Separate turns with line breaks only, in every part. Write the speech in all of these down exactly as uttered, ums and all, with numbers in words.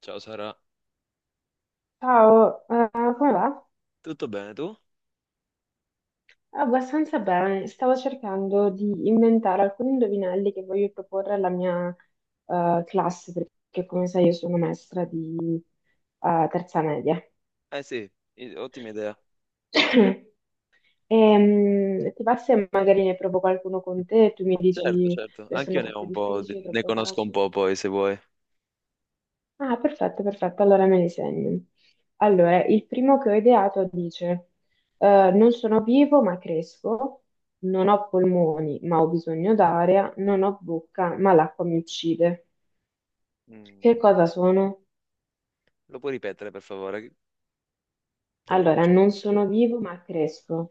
Ciao Sara,
Ciao, eh, come va?
tutto bene tu?
Abbastanza bene. Stavo cercando di inventare alcuni indovinelli che voglio proporre alla mia eh, classe, perché come sai io sono maestra di eh, terza media.
Eh sì, i- ottima idea.
E, ti va se magari ne provo qualcuno con te e tu mi
Certo,
dici
certo,
che sono
anch'io ne ho
troppo
un po', di-
difficili,
ne
troppo
conosco un
facili?
po' poi se vuoi.
Ah, perfetto, perfetto, allora me li segno. Allora, il primo che ho ideato dice, eh, non sono vivo ma cresco, non ho polmoni ma ho bisogno d'aria, non ho bocca ma l'acqua mi uccide. Che
Mm,
cosa sono?
Lo puoi ripetere per favore? Che Devo
Allora,
concentrarmi.
non sono vivo ma cresco,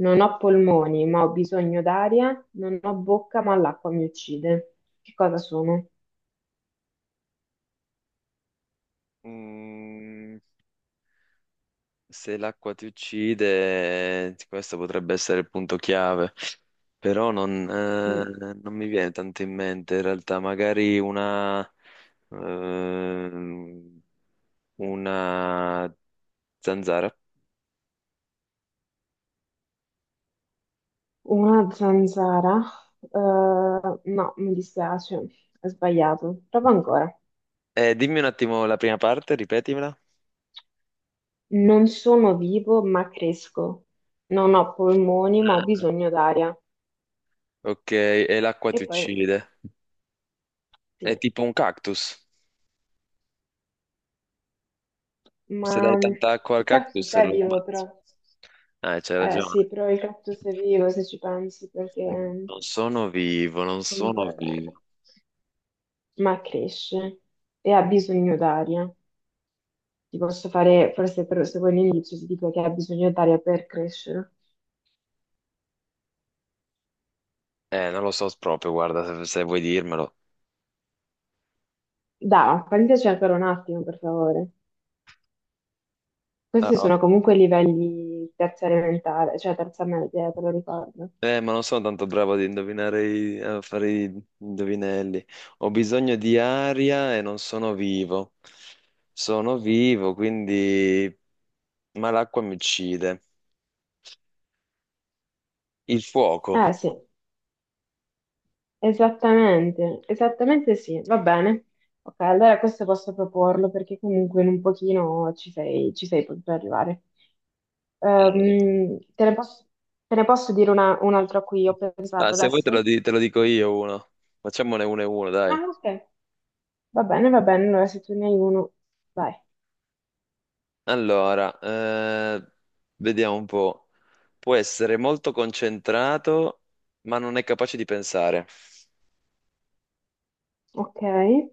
non ho polmoni ma ho bisogno d'aria, non ho bocca ma l'acqua mi uccide. Che cosa sono?
Mm, se l'acqua ti uccide, questo potrebbe essere il punto chiave, però non,
Mm.
eh, non mi viene tanto in mente in realtà, magari una, ehm, una zanzara.
Una zanzara? Eh, no, mi dispiace, ho sbagliato. Prova ancora.
Eh, dimmi un attimo la prima parte, ripetimela.
Non sono vivo, ma cresco. Non ho polmoni, ma ho bisogno d'aria.
Ok, e l'acqua
E
ti
poi,
uccide. È
sì,
tipo un cactus. Se
ma
dai
mm,
tanta acqua al
il
cactus
cactus è
lo
vivo,
ammazzi.
però.
Ah, c'hai
Eh
ragione.
sì, però il cactus è vivo se ci pensi, perché
Mm,
mm,
Non sono vivo, non
comunque,
sono
eh,
vivo.
ma cresce e ha bisogno d'aria. Ti posso fare, forse per, se vuoi l'inizio, ti dico che ha bisogno d'aria per crescere.
Eh, non lo so proprio, guarda, se, se vuoi dirmelo.
Da, fammi ancora un attimo, per favore. Questi
Ah,
sono comunque livelli terza elementare, cioè terza media, te lo ricordo.
eh, ma non sono tanto bravo ad indovinare i- a fare i indovinelli. Ho bisogno di aria e non sono vivo. Sono vivo, quindi... Ma l'acqua mi uccide. Il fuoco.
Eh sì, esattamente, esattamente sì, va bene. Ok, allora questo posso proporlo perché comunque in un pochino ci sei, ci sei potuto arrivare.
Eh,
Ehm, te ne posso, te ne posso dire una, un altro a cui ho
Ah,
pensato
se vuoi te lo,
adesso?
di- te lo dico io uno. Facciamone uno e uno, dai.
Ah, ok, va bene, va bene, allora se tu ne hai uno, vai.
Allora, eh, vediamo un po'. Può essere molto concentrato, ma non è capace di pensare.
Ok, è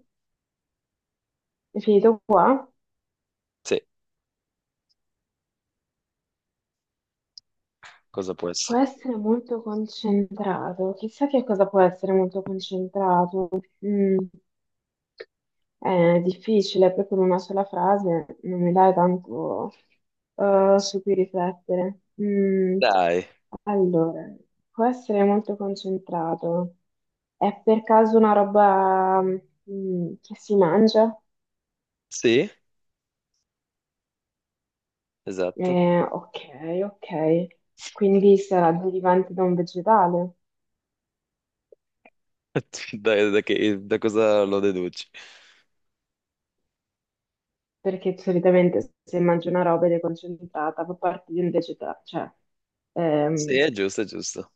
finito qua.
Sì, cosa può
Può
essere?
essere molto concentrato, chissà che cosa può essere molto concentrato. Mm. Eh, È difficile, proprio in una sola frase non mi dai tanto eh, su cui riflettere. Mm,
Dai,
allora, può essere molto concentrato. È per caso una roba mm, che si mangia?
sì, esatto.
Eh, ok, ok. Quindi sarà derivante da un vegetale,
Dai, da, che- da cosa lo deduci?
perché solitamente se mangi una roba ed è concentrata, fa parte di un vegetale, cioè
Sì,
ehm,
è giusto, è giusto.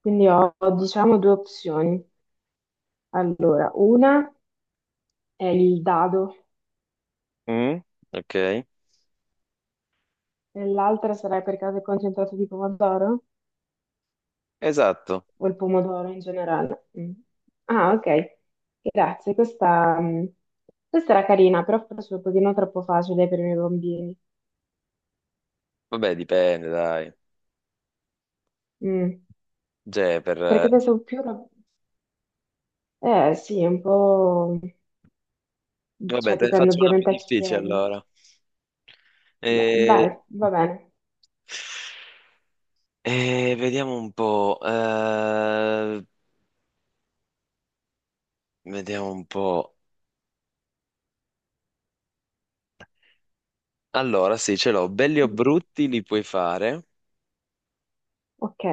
quindi ho, ho, diciamo due opzioni. Allora, una è il dado
Mm, ok,
e l'altra sarà per caso il concentrato di pomodoro
esatto.
o il pomodoro in generale. Mm. Ah, ok. Grazie, questa, mm, questa era carina, però forse un pochino troppo facile per i miei bambini.
Vabbè, dipende, dai.
Mm.
Cioè, per... eh,
Perché pensavo più. rob- Eh sì, è un po'.
vabbè,
Cioè,
te ne
dipende
faccio una più
ovviamente a chi
difficile
chiedi.
allora.
Beh,
Eh,
dai, va bene.
Eh, vediamo un po'. eh, vediamo un po'. Allora, sì, ce l'ho. Belli o
Mm.
brutti li puoi fare,
Ok.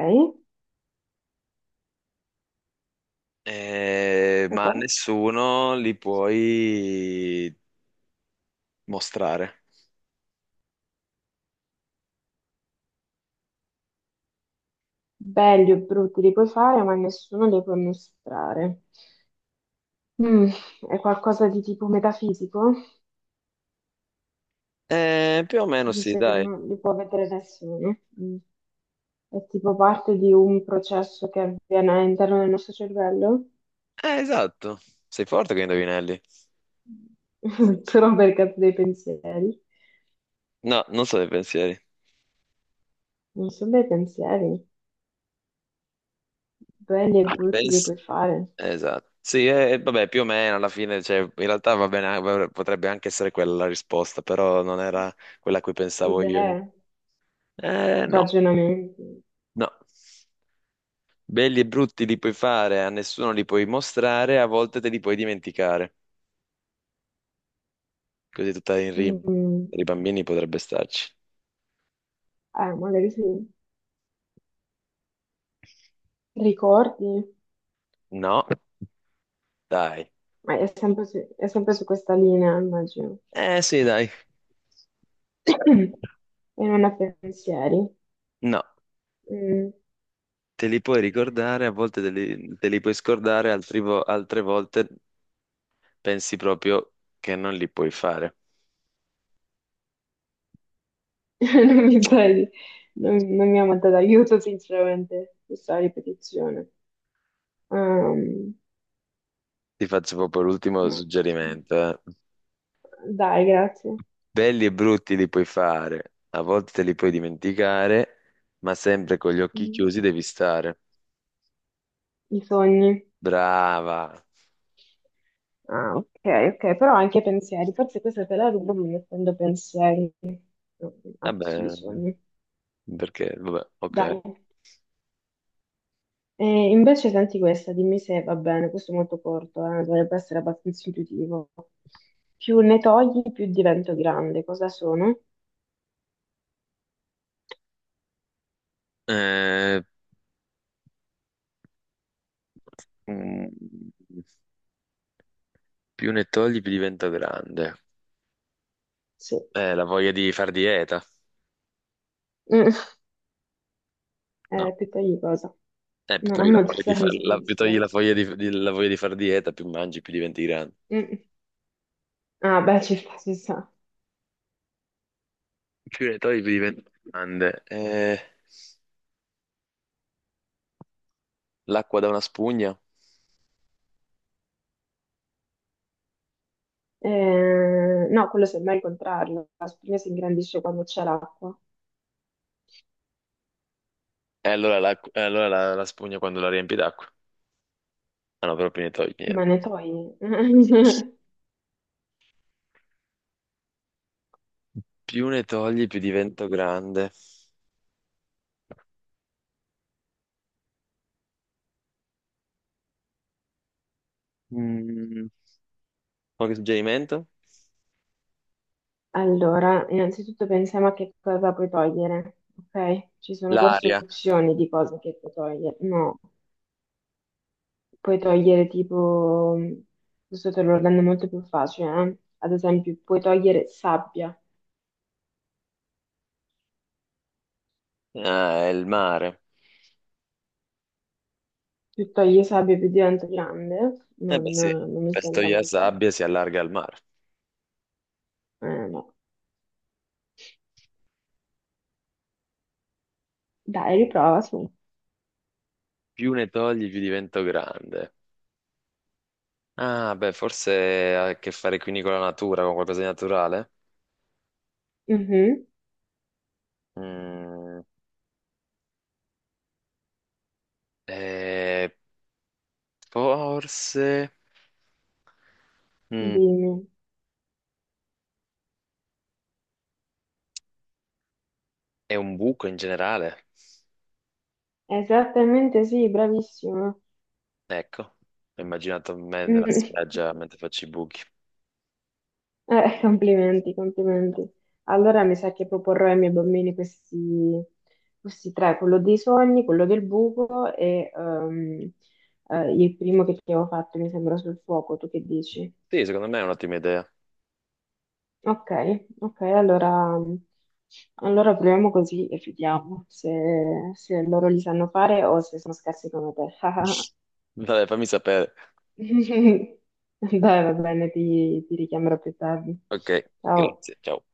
eh,
E
ma a
poi?
nessuno li puoi mostrare.
Belli o brutti li puoi fare, ma nessuno li può mostrare. Mm, è qualcosa di tipo metafisico,
Eh, più o meno sì,
visto che
dai.
non li può vedere nessuno. Mm. È tipo parte di un processo che avviene all'interno del nostro cervello,
Eh, esatto. Sei forte con i indovinelli.
solo per caso dei pensieri.
No, non so dei pensieri.
Non sono dei pensieri, belli e brutti li
Penso...
puoi fare,
Esatto. Sì, eh, vabbè, più o meno alla fine, cioè, in realtà va bene, eh, potrebbe anche essere quella la risposta, però non era quella a cui pensavo io.
idee,
Eh, no,
ragionamenti.
no. Belli e brutti li puoi fare, a nessuno li puoi mostrare, a volte te li puoi dimenticare. Così tutta in rima.
Mm,
Per i bambini potrebbe starci.
eh, magari sì. Ricordi,
No, dai.
ma è sempre su, è sempre su questa linea, immagino.
Eh sì, dai.
E non ha pensieri.
No,
Mm.
te li puoi ricordare, a volte te li, te li puoi scordare, altri vo- altre volte pensi proprio che non li puoi fare.
Non mi sa di- non, non mi ha mandato aiuto, sinceramente, questa ripetizione. Ehm,
Ti faccio proprio l'ultimo
no.
suggerimento. Eh.
Dai, grazie.
Belli e brutti li puoi fare, a volte te li puoi dimenticare, ma sempre con gli occhi
Mm.
chiusi devi stare.
I sogni.
Brava.
Ah, ok, ok, però anche pensieri. Forse questa te la rubo mettendo pensieri. No, ha posto di
Vabbè,
sogni.
perché, vabbè, ok.
Dai. E invece senti questa, dimmi se va bene, questo è molto corto, eh, dovrebbe essere abbastanza intuitivo. Più ne togli, più divento grande. Cosa sono?
Eh, mm, più ne togli, più divento grande.
Sì.
Eh, la voglia di far dieta.
Mm.
No,
Eh, più togli cosa?
eh, più
Non ha
togli la
molto
voglia di far,
senso, mi
la, più togli la
dispiace.
voglia di, di- la voglia di far dieta, più mangi, più diventi grande.
Mm. Ah, beh, ci sta, ci sta.
Più ne togli, più diventi grande. Eh, l'acqua da una spugna.
Eh, no, quello semmai è il contrario. La spugna si ingrandisce quando c'è l'acqua,
E allora, l'acqu- eh, allora la, la spugna quando la riempi d'acqua. Ah no, però più ne togli, niente.
ma ne togli.
Più ne togli, più divento grande. Mm, qualche suggerimento?
Allora, innanzitutto pensiamo a che cosa puoi togliere, ok? Ci sono diverse
L'aria.
opzioni di cose che puoi togliere. No, puoi togliere tipo, questo te lo rende molto più facile, eh. Ad esempio, puoi togliere sabbia,
Ah, è il mare.
più togli sabbia più diventa grande,
Eh beh
non,
sì,
non mi
beh, se
sembra
togli la
molto,
sabbia si allarga il mare.
eh, no. Dai, riprova su.
Più ne togli, più divento grande. Ah, beh, forse ha a che fare quindi con la natura, con qualcosa di naturale.
Mhm.
Mm, eh, forse mm,
Dimmi.
è un buco in generale.
Esattamente sì, bravissimo.
Ecco, ho immaginato me nella
Mm.
spiaggia mentre faccio i buchi.
Eh, Complimenti, complimenti. Allora mi sa che proporrò ai miei bambini questi, questi tre, quello dei sogni, quello del buco e ehm, eh, il primo che ti avevo fatto mi sembra sul fuoco, tu che dici?
Sì, secondo me è un'ottima idea.
Ok, ok, allora, allora proviamo così e vediamo se, se loro li sanno fare o se sono scarsi come te.
Vabbè, fammi sapere.
Dai, va bene, ti ti richiamerò più tardi.
Ok,
Ciao.
grazie, ciao.